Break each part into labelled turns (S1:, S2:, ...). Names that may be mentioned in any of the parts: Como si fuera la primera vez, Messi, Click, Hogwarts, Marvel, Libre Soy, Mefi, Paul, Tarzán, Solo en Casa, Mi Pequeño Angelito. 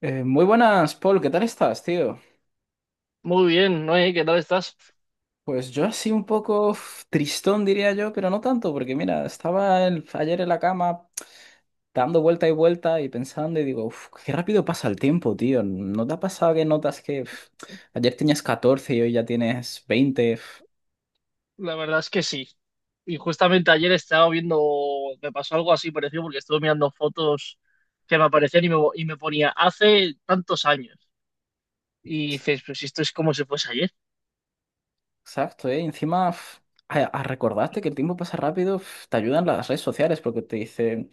S1: Muy buenas, Paul, ¿qué tal estás, tío?
S2: Muy bien, Noé, ¿qué tal estás?
S1: Pues yo así un poco tristón, diría yo, pero no tanto, porque mira, ayer en la cama dando vuelta y vuelta y pensando y digo, qué rápido pasa el tiempo, tío. ¿No te ha pasado que notas que ayer tenías 14 y hoy ya tienes 20?
S2: La verdad es que sí. Y justamente ayer estaba viendo, me pasó algo así parecido porque estuve mirando fotos que me aparecían y y me ponía hace tantos años. Y dices, pues esto es como si fuese ayer.
S1: Exacto, ¿eh? Y encima, a recordarte que el tiempo pasa rápido, te ayudan las redes sociales porque te dicen,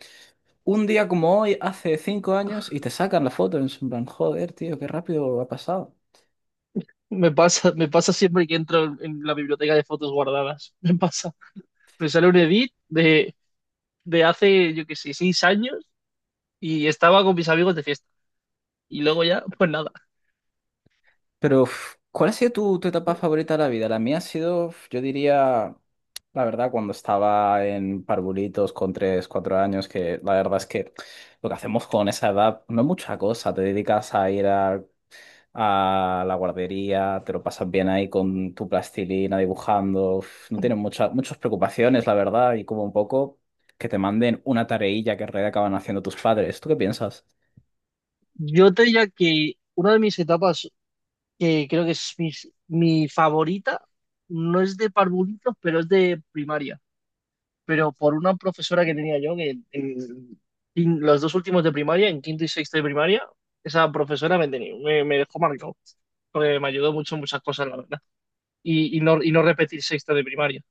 S1: un día como hoy, hace 5 años, y te sacan la foto, en plan, joder, tío, qué rápido ha pasado.
S2: Me pasa siempre que entro en la biblioteca de fotos guardadas. Me pasa. Me sale un edit de hace, yo qué sé, 6 años y estaba con mis amigos de fiesta. Y luego ya, pues nada.
S1: Pero, ¿cuál ha sido tu etapa favorita de la vida? La mía ha sido, yo diría, la verdad, cuando estaba en parvulitos con 3, 4 años, que la verdad es que lo que hacemos con esa edad no es mucha cosa. Te dedicas a ir a la guardería, te lo pasas bien ahí con tu plastilina dibujando. No tienes muchas preocupaciones, la verdad, y como un poco que te manden una tareilla que en realidad acaban haciendo tus padres. ¿Tú qué piensas?
S2: Yo te diría que una de mis etapas que creo que es mi favorita, no es de parvulitos, pero es de primaria, pero por una profesora que tenía yo, que en los dos últimos de primaria, en quinto y sexto de primaria, esa profesora me dejó marcado, porque me ayudó mucho en muchas cosas, la verdad, y no repetir sexto de primaria,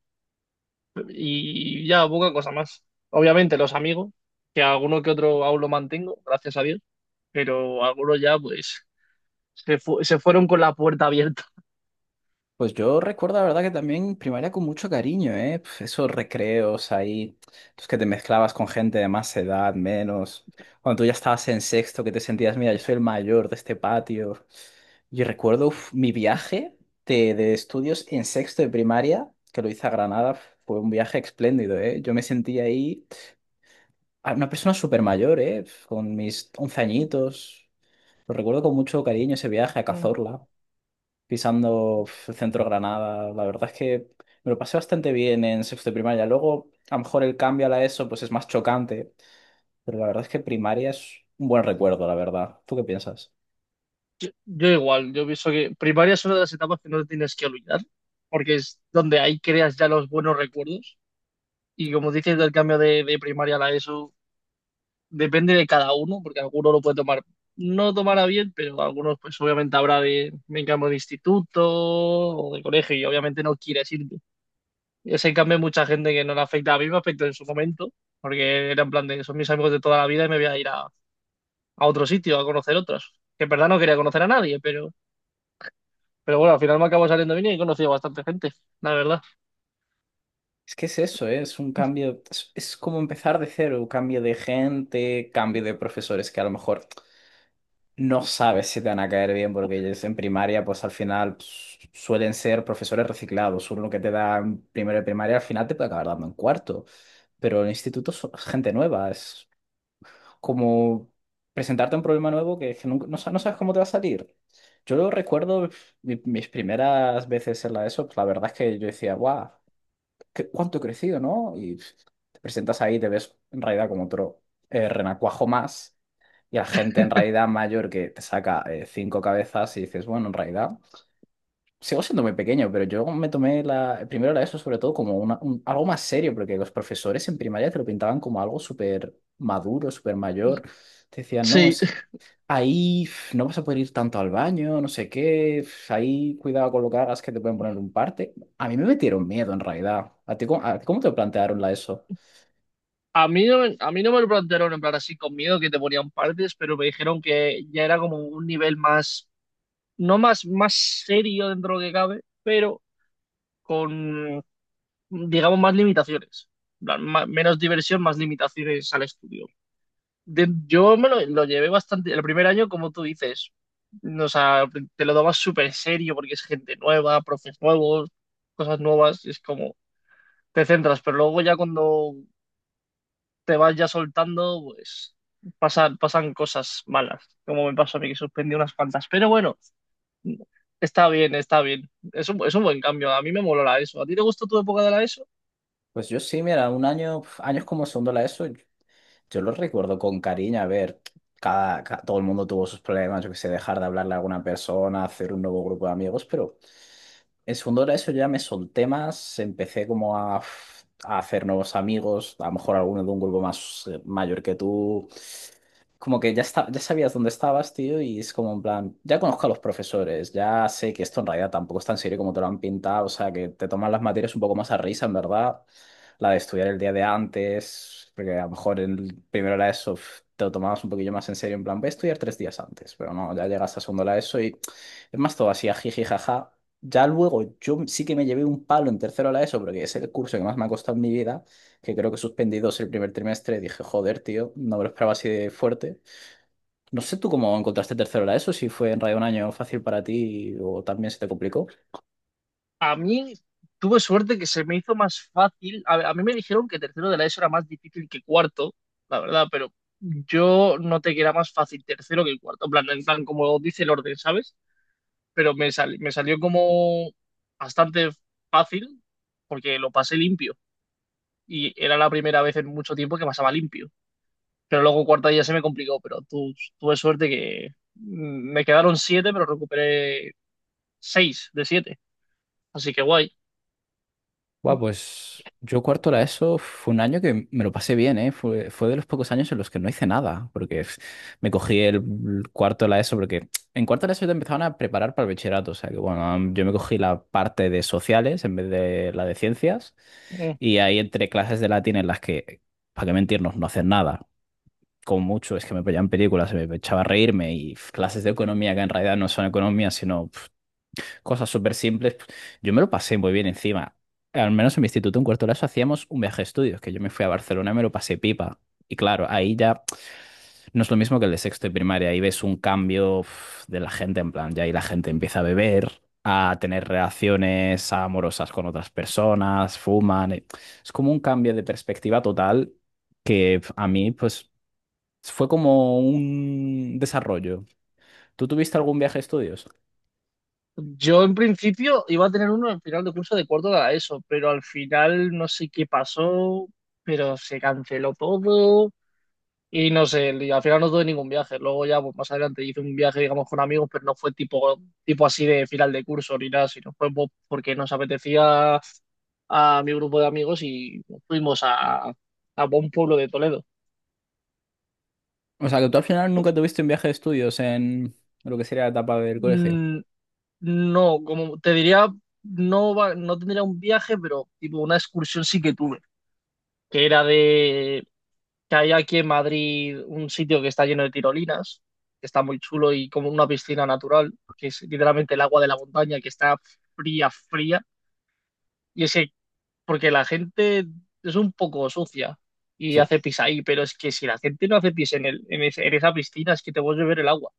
S2: y ya poca cosa más. Obviamente los amigos, que alguno que otro aún lo mantengo, gracias a Dios, pero algunos ya pues se fueron con la puerta abierta.
S1: Pues yo recuerdo, la verdad, que también primaria con mucho cariño, ¿eh? Esos recreos ahí, los que te mezclabas con gente de más edad, menos. Cuando tú ya estabas en sexto, que te sentías, mira, yo soy el mayor de este patio. Yo recuerdo mi viaje de estudios en sexto de primaria, que lo hice a Granada, fue un viaje espléndido, ¿eh? Yo me sentí ahí una persona súper mayor, ¿eh? Con mis 11 añitos. Lo recuerdo con mucho cariño ese viaje a Cazorla pisando el centro Granada. La verdad es que me lo pasé bastante bien en sexto de primaria. Luego, a lo mejor el cambio a la ESO pues es más chocante, pero la verdad es que primaria es un buen recuerdo, la verdad. ¿Tú qué piensas?
S2: Yo igual, yo pienso que primaria es una de las etapas que no te tienes que olvidar, porque es donde ahí creas ya los buenos recuerdos. Y como dices, del cambio de primaria a la ESO depende de cada uno, porque alguno lo puede tomar, no tomará bien, pero algunos pues obviamente habrá me cambio de instituto o de colegio y obviamente no quieres irte. Ese en cambio hay mucha gente que no le afecta, a mí me afectó en su momento, porque era en plan de, son mis amigos de toda la vida y me voy a ir a otro sitio, a conocer otros. Que en verdad no quería conocer a nadie, pero bueno, al final me acabo saliendo bien y he conocido bastante gente, la verdad.
S1: Es que es eso, ¿eh? Es un cambio, es como empezar de cero, cambio de gente, cambio de profesores que a lo mejor no sabes si te van a caer bien porque ellos en primaria pues al final pues, suelen ser profesores reciclados. Uno que te da en primero de primaria al final te puede acabar dando en cuarto, pero en el instituto es gente nueva, como presentarte un problema nuevo que no, no sabes cómo te va a salir. Yo lo recuerdo mis primeras veces en la ESO, pues la verdad es que yo decía, guau, cuánto he crecido, ¿no? Y te presentas ahí, y te ves en realidad como otro renacuajo más, y la gente en realidad mayor que te saca cinco cabezas y dices, bueno, en realidad sigo siendo muy pequeño, pero yo me tomé primero la ESO sobre todo como algo más serio, porque los profesores en primaria te lo pintaban como algo súper maduro, súper mayor. Te decían, no,
S2: Sí.
S1: es, ahí no vas a poder ir tanto al baño, no sé qué, ahí cuidado con lo que hagas que te pueden poner un parte. A mí me metieron miedo en realidad. ¿A ti, cómo te plantearon la ESO?
S2: A mí no me lo plantearon en plan así con miedo que te ponían partes, pero me dijeron que ya era como un nivel más, no más, más serio dentro de lo que cabe, pero con, digamos, más limitaciones. En plan, menos diversión, más limitaciones al estudio. Yo me lo llevé bastante, el primer año, como tú dices, o sea, te lo dabas súper serio porque es gente nueva, profes nuevos, cosas nuevas, y es como... te centras, pero luego ya cuando te vas ya soltando, pues pasan cosas malas, como me pasó a mí que suspendí unas cuantas. Pero bueno, está bien, está bien. Es un buen cambio. A mí me moló la ESO. ¿A ti te gustó tu época de la ESO?
S1: Pues yo sí, mira, un año, años como segundo la ESO. Yo lo recuerdo con cariño, a ver, todo el mundo tuvo sus problemas, yo que sé, dejar de hablarle a alguna persona, hacer un nuevo grupo de amigos, pero en segundo de eso ya me solté más, empecé como a hacer nuevos amigos, a lo mejor alguno de un grupo más mayor que tú, como que ya está, ya sabías dónde estabas, tío, y es como en plan, ya conozco a los profesores, ya sé que esto en realidad tampoco es tan serio como te lo han pintado, o sea, que te toman las materias un poco más a risa, en verdad, la de estudiar el día de antes, porque a lo mejor en primero la ESO te lo tomabas un poquillo más en serio, en plan, voy a estudiar tres días antes, pero no, ya llegas a segundo la ESO y es más todo así, a jiji, jaja. Ya luego yo sí que me llevé un palo en tercero la ESO, porque es el curso que más me ha costado en mi vida, que creo que he suspendido el primer trimestre, dije, joder, tío, no me lo esperaba así de fuerte. No sé tú cómo encontraste tercero la ESO, si fue en realidad un año fácil para ti o también se te complicó.
S2: A mí Tuve suerte que se me hizo más fácil. A mí me dijeron que tercero de la ESO era más difícil que cuarto, la verdad, pero yo noté que era más fácil tercero que cuarto. En plan, como dice el orden, ¿sabes? Pero me salió como bastante fácil porque lo pasé limpio y era la primera vez en mucho tiempo que pasaba limpio. Pero luego cuarta ya se me complicó, pero tuve suerte que me quedaron siete, pero recuperé seis de siete, así que guay.
S1: Buah, pues yo cuarto la ESO fue un año que me lo pasé bien, ¿eh? Fue de los pocos años en los que no hice nada, porque me cogí el cuarto de la ESO, porque en cuarto de la ESO te empezaban a preparar para el bachillerato, o sea que bueno, yo me cogí la parte de sociales en vez de la de ciencias,
S2: Mm.
S1: y ahí entre clases de latín en las para qué mentirnos, no haces nada. Como mucho, es que me veían películas, me echaba a reírme y clases de economía que en realidad no son economía, sino cosas súper simples. Yo me lo pasé muy bien encima. Al menos en mi instituto, en cuarto de la ESO, hacíamos un viaje de estudios, que yo me fui a Barcelona y me lo pasé pipa. Y claro, ahí ya no es lo mismo que el de sexto y primaria, ahí ves un cambio de la gente, en plan, ya ahí la gente empieza a beber, a tener relaciones amorosas con otras personas, fuman. Es como un cambio de perspectiva total que a mí, pues fue como un desarrollo. ¿Tú tuviste algún viaje de estudios?
S2: Yo en principio iba a tener uno al final de curso de cuarto de la ESO, pero al final no sé qué pasó, pero se canceló todo. Y no sé, y al final no tuve ningún viaje. Luego ya pues, más adelante hice un viaje, digamos, con amigos, pero no fue tipo, así de final de curso ni nada, sino fue porque nos apetecía a mi grupo de amigos y fuimos a un pueblo de Toledo.
S1: O sea, que tú al final nunca tuviste un viaje de estudios en lo que sería la etapa del colegio.
S2: Mm, no, como te diría, no, no tendría un viaje, pero tipo una excursión sí que tuve, que era de que hay aquí en Madrid un sitio que está lleno de tirolinas, que está muy chulo y como una piscina natural, que es literalmente el agua de la montaña, que está fría, fría. Y es que, porque la gente es un poco sucia y
S1: Sí,
S2: hace pis ahí, pero es que si la gente no hace pis en, el, en, ese- en esa piscina, es que te puedes beber el agua,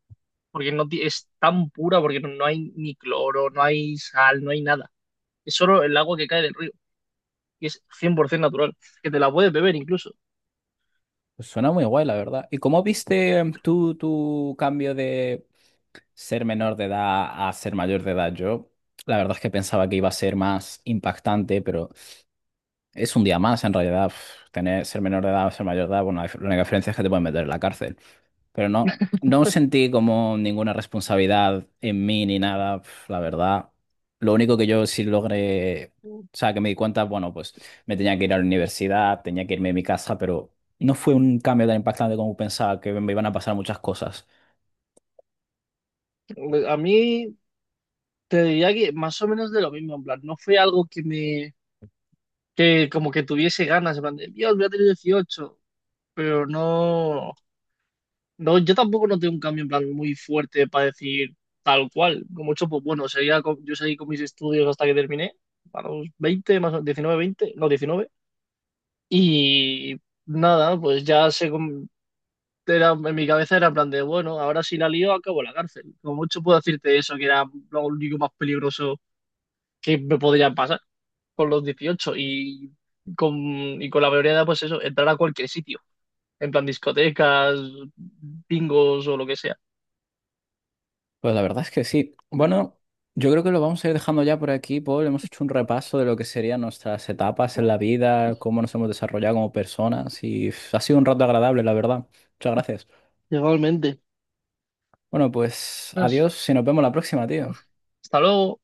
S2: porque no ti- es tan pura, porque no hay ni cloro, no hay sal, no hay nada. Es solo el agua que cae del río y es 100% natural, que te la puedes beber incluso.
S1: pues suena muy guay, la verdad. ¿Y cómo viste tú tu cambio de ser menor de edad a ser mayor de edad? Yo, la verdad es que pensaba que iba a ser más impactante, pero es un día más en realidad. Ser menor de edad o ser mayor de edad, bueno, la la única diferencia es que te pueden meter en la cárcel. Pero no, no sentí como ninguna responsabilidad en mí ni nada, la verdad. Lo único que yo sí logré, o sea, que me di cuenta, bueno, pues me tenía que ir a la universidad, tenía que irme de mi casa, pero no fue un cambio tan impactante como pensaba que me iban a pasar muchas cosas.
S2: A mí Te diría que más o menos de lo mismo, en plan, no fue algo que como que tuviese ganas, en plan, de, Dios, voy a tener 18, pero no, no, yo tampoco noté un cambio en plan muy fuerte para decir tal cual, como mucho, pues bueno, sería, yo seguí con mis estudios hasta que terminé, a los 20 más o 19, 20, no, 19 y nada, pues ya era, en mi cabeza era en plan de, bueno, ahora si la lío, acabo en la cárcel, como mucho puedo decirte eso, que era lo único más peligroso que me podría pasar. Con los 18 y y con la mayoría de edad, pues eso, entrar a cualquier sitio, en plan discotecas, bingos o lo que sea.
S1: Pues la verdad es que sí. Bueno, yo creo que lo vamos a ir dejando ya por aquí, Paul. Hemos hecho un repaso de lo que serían nuestras etapas en la vida, cómo nos hemos desarrollado como personas y ha sido un rato agradable, la verdad. Muchas gracias.
S2: Igualmente.
S1: Bueno, pues
S2: Pues,
S1: adiós y nos vemos la próxima, tío.
S2: hasta luego.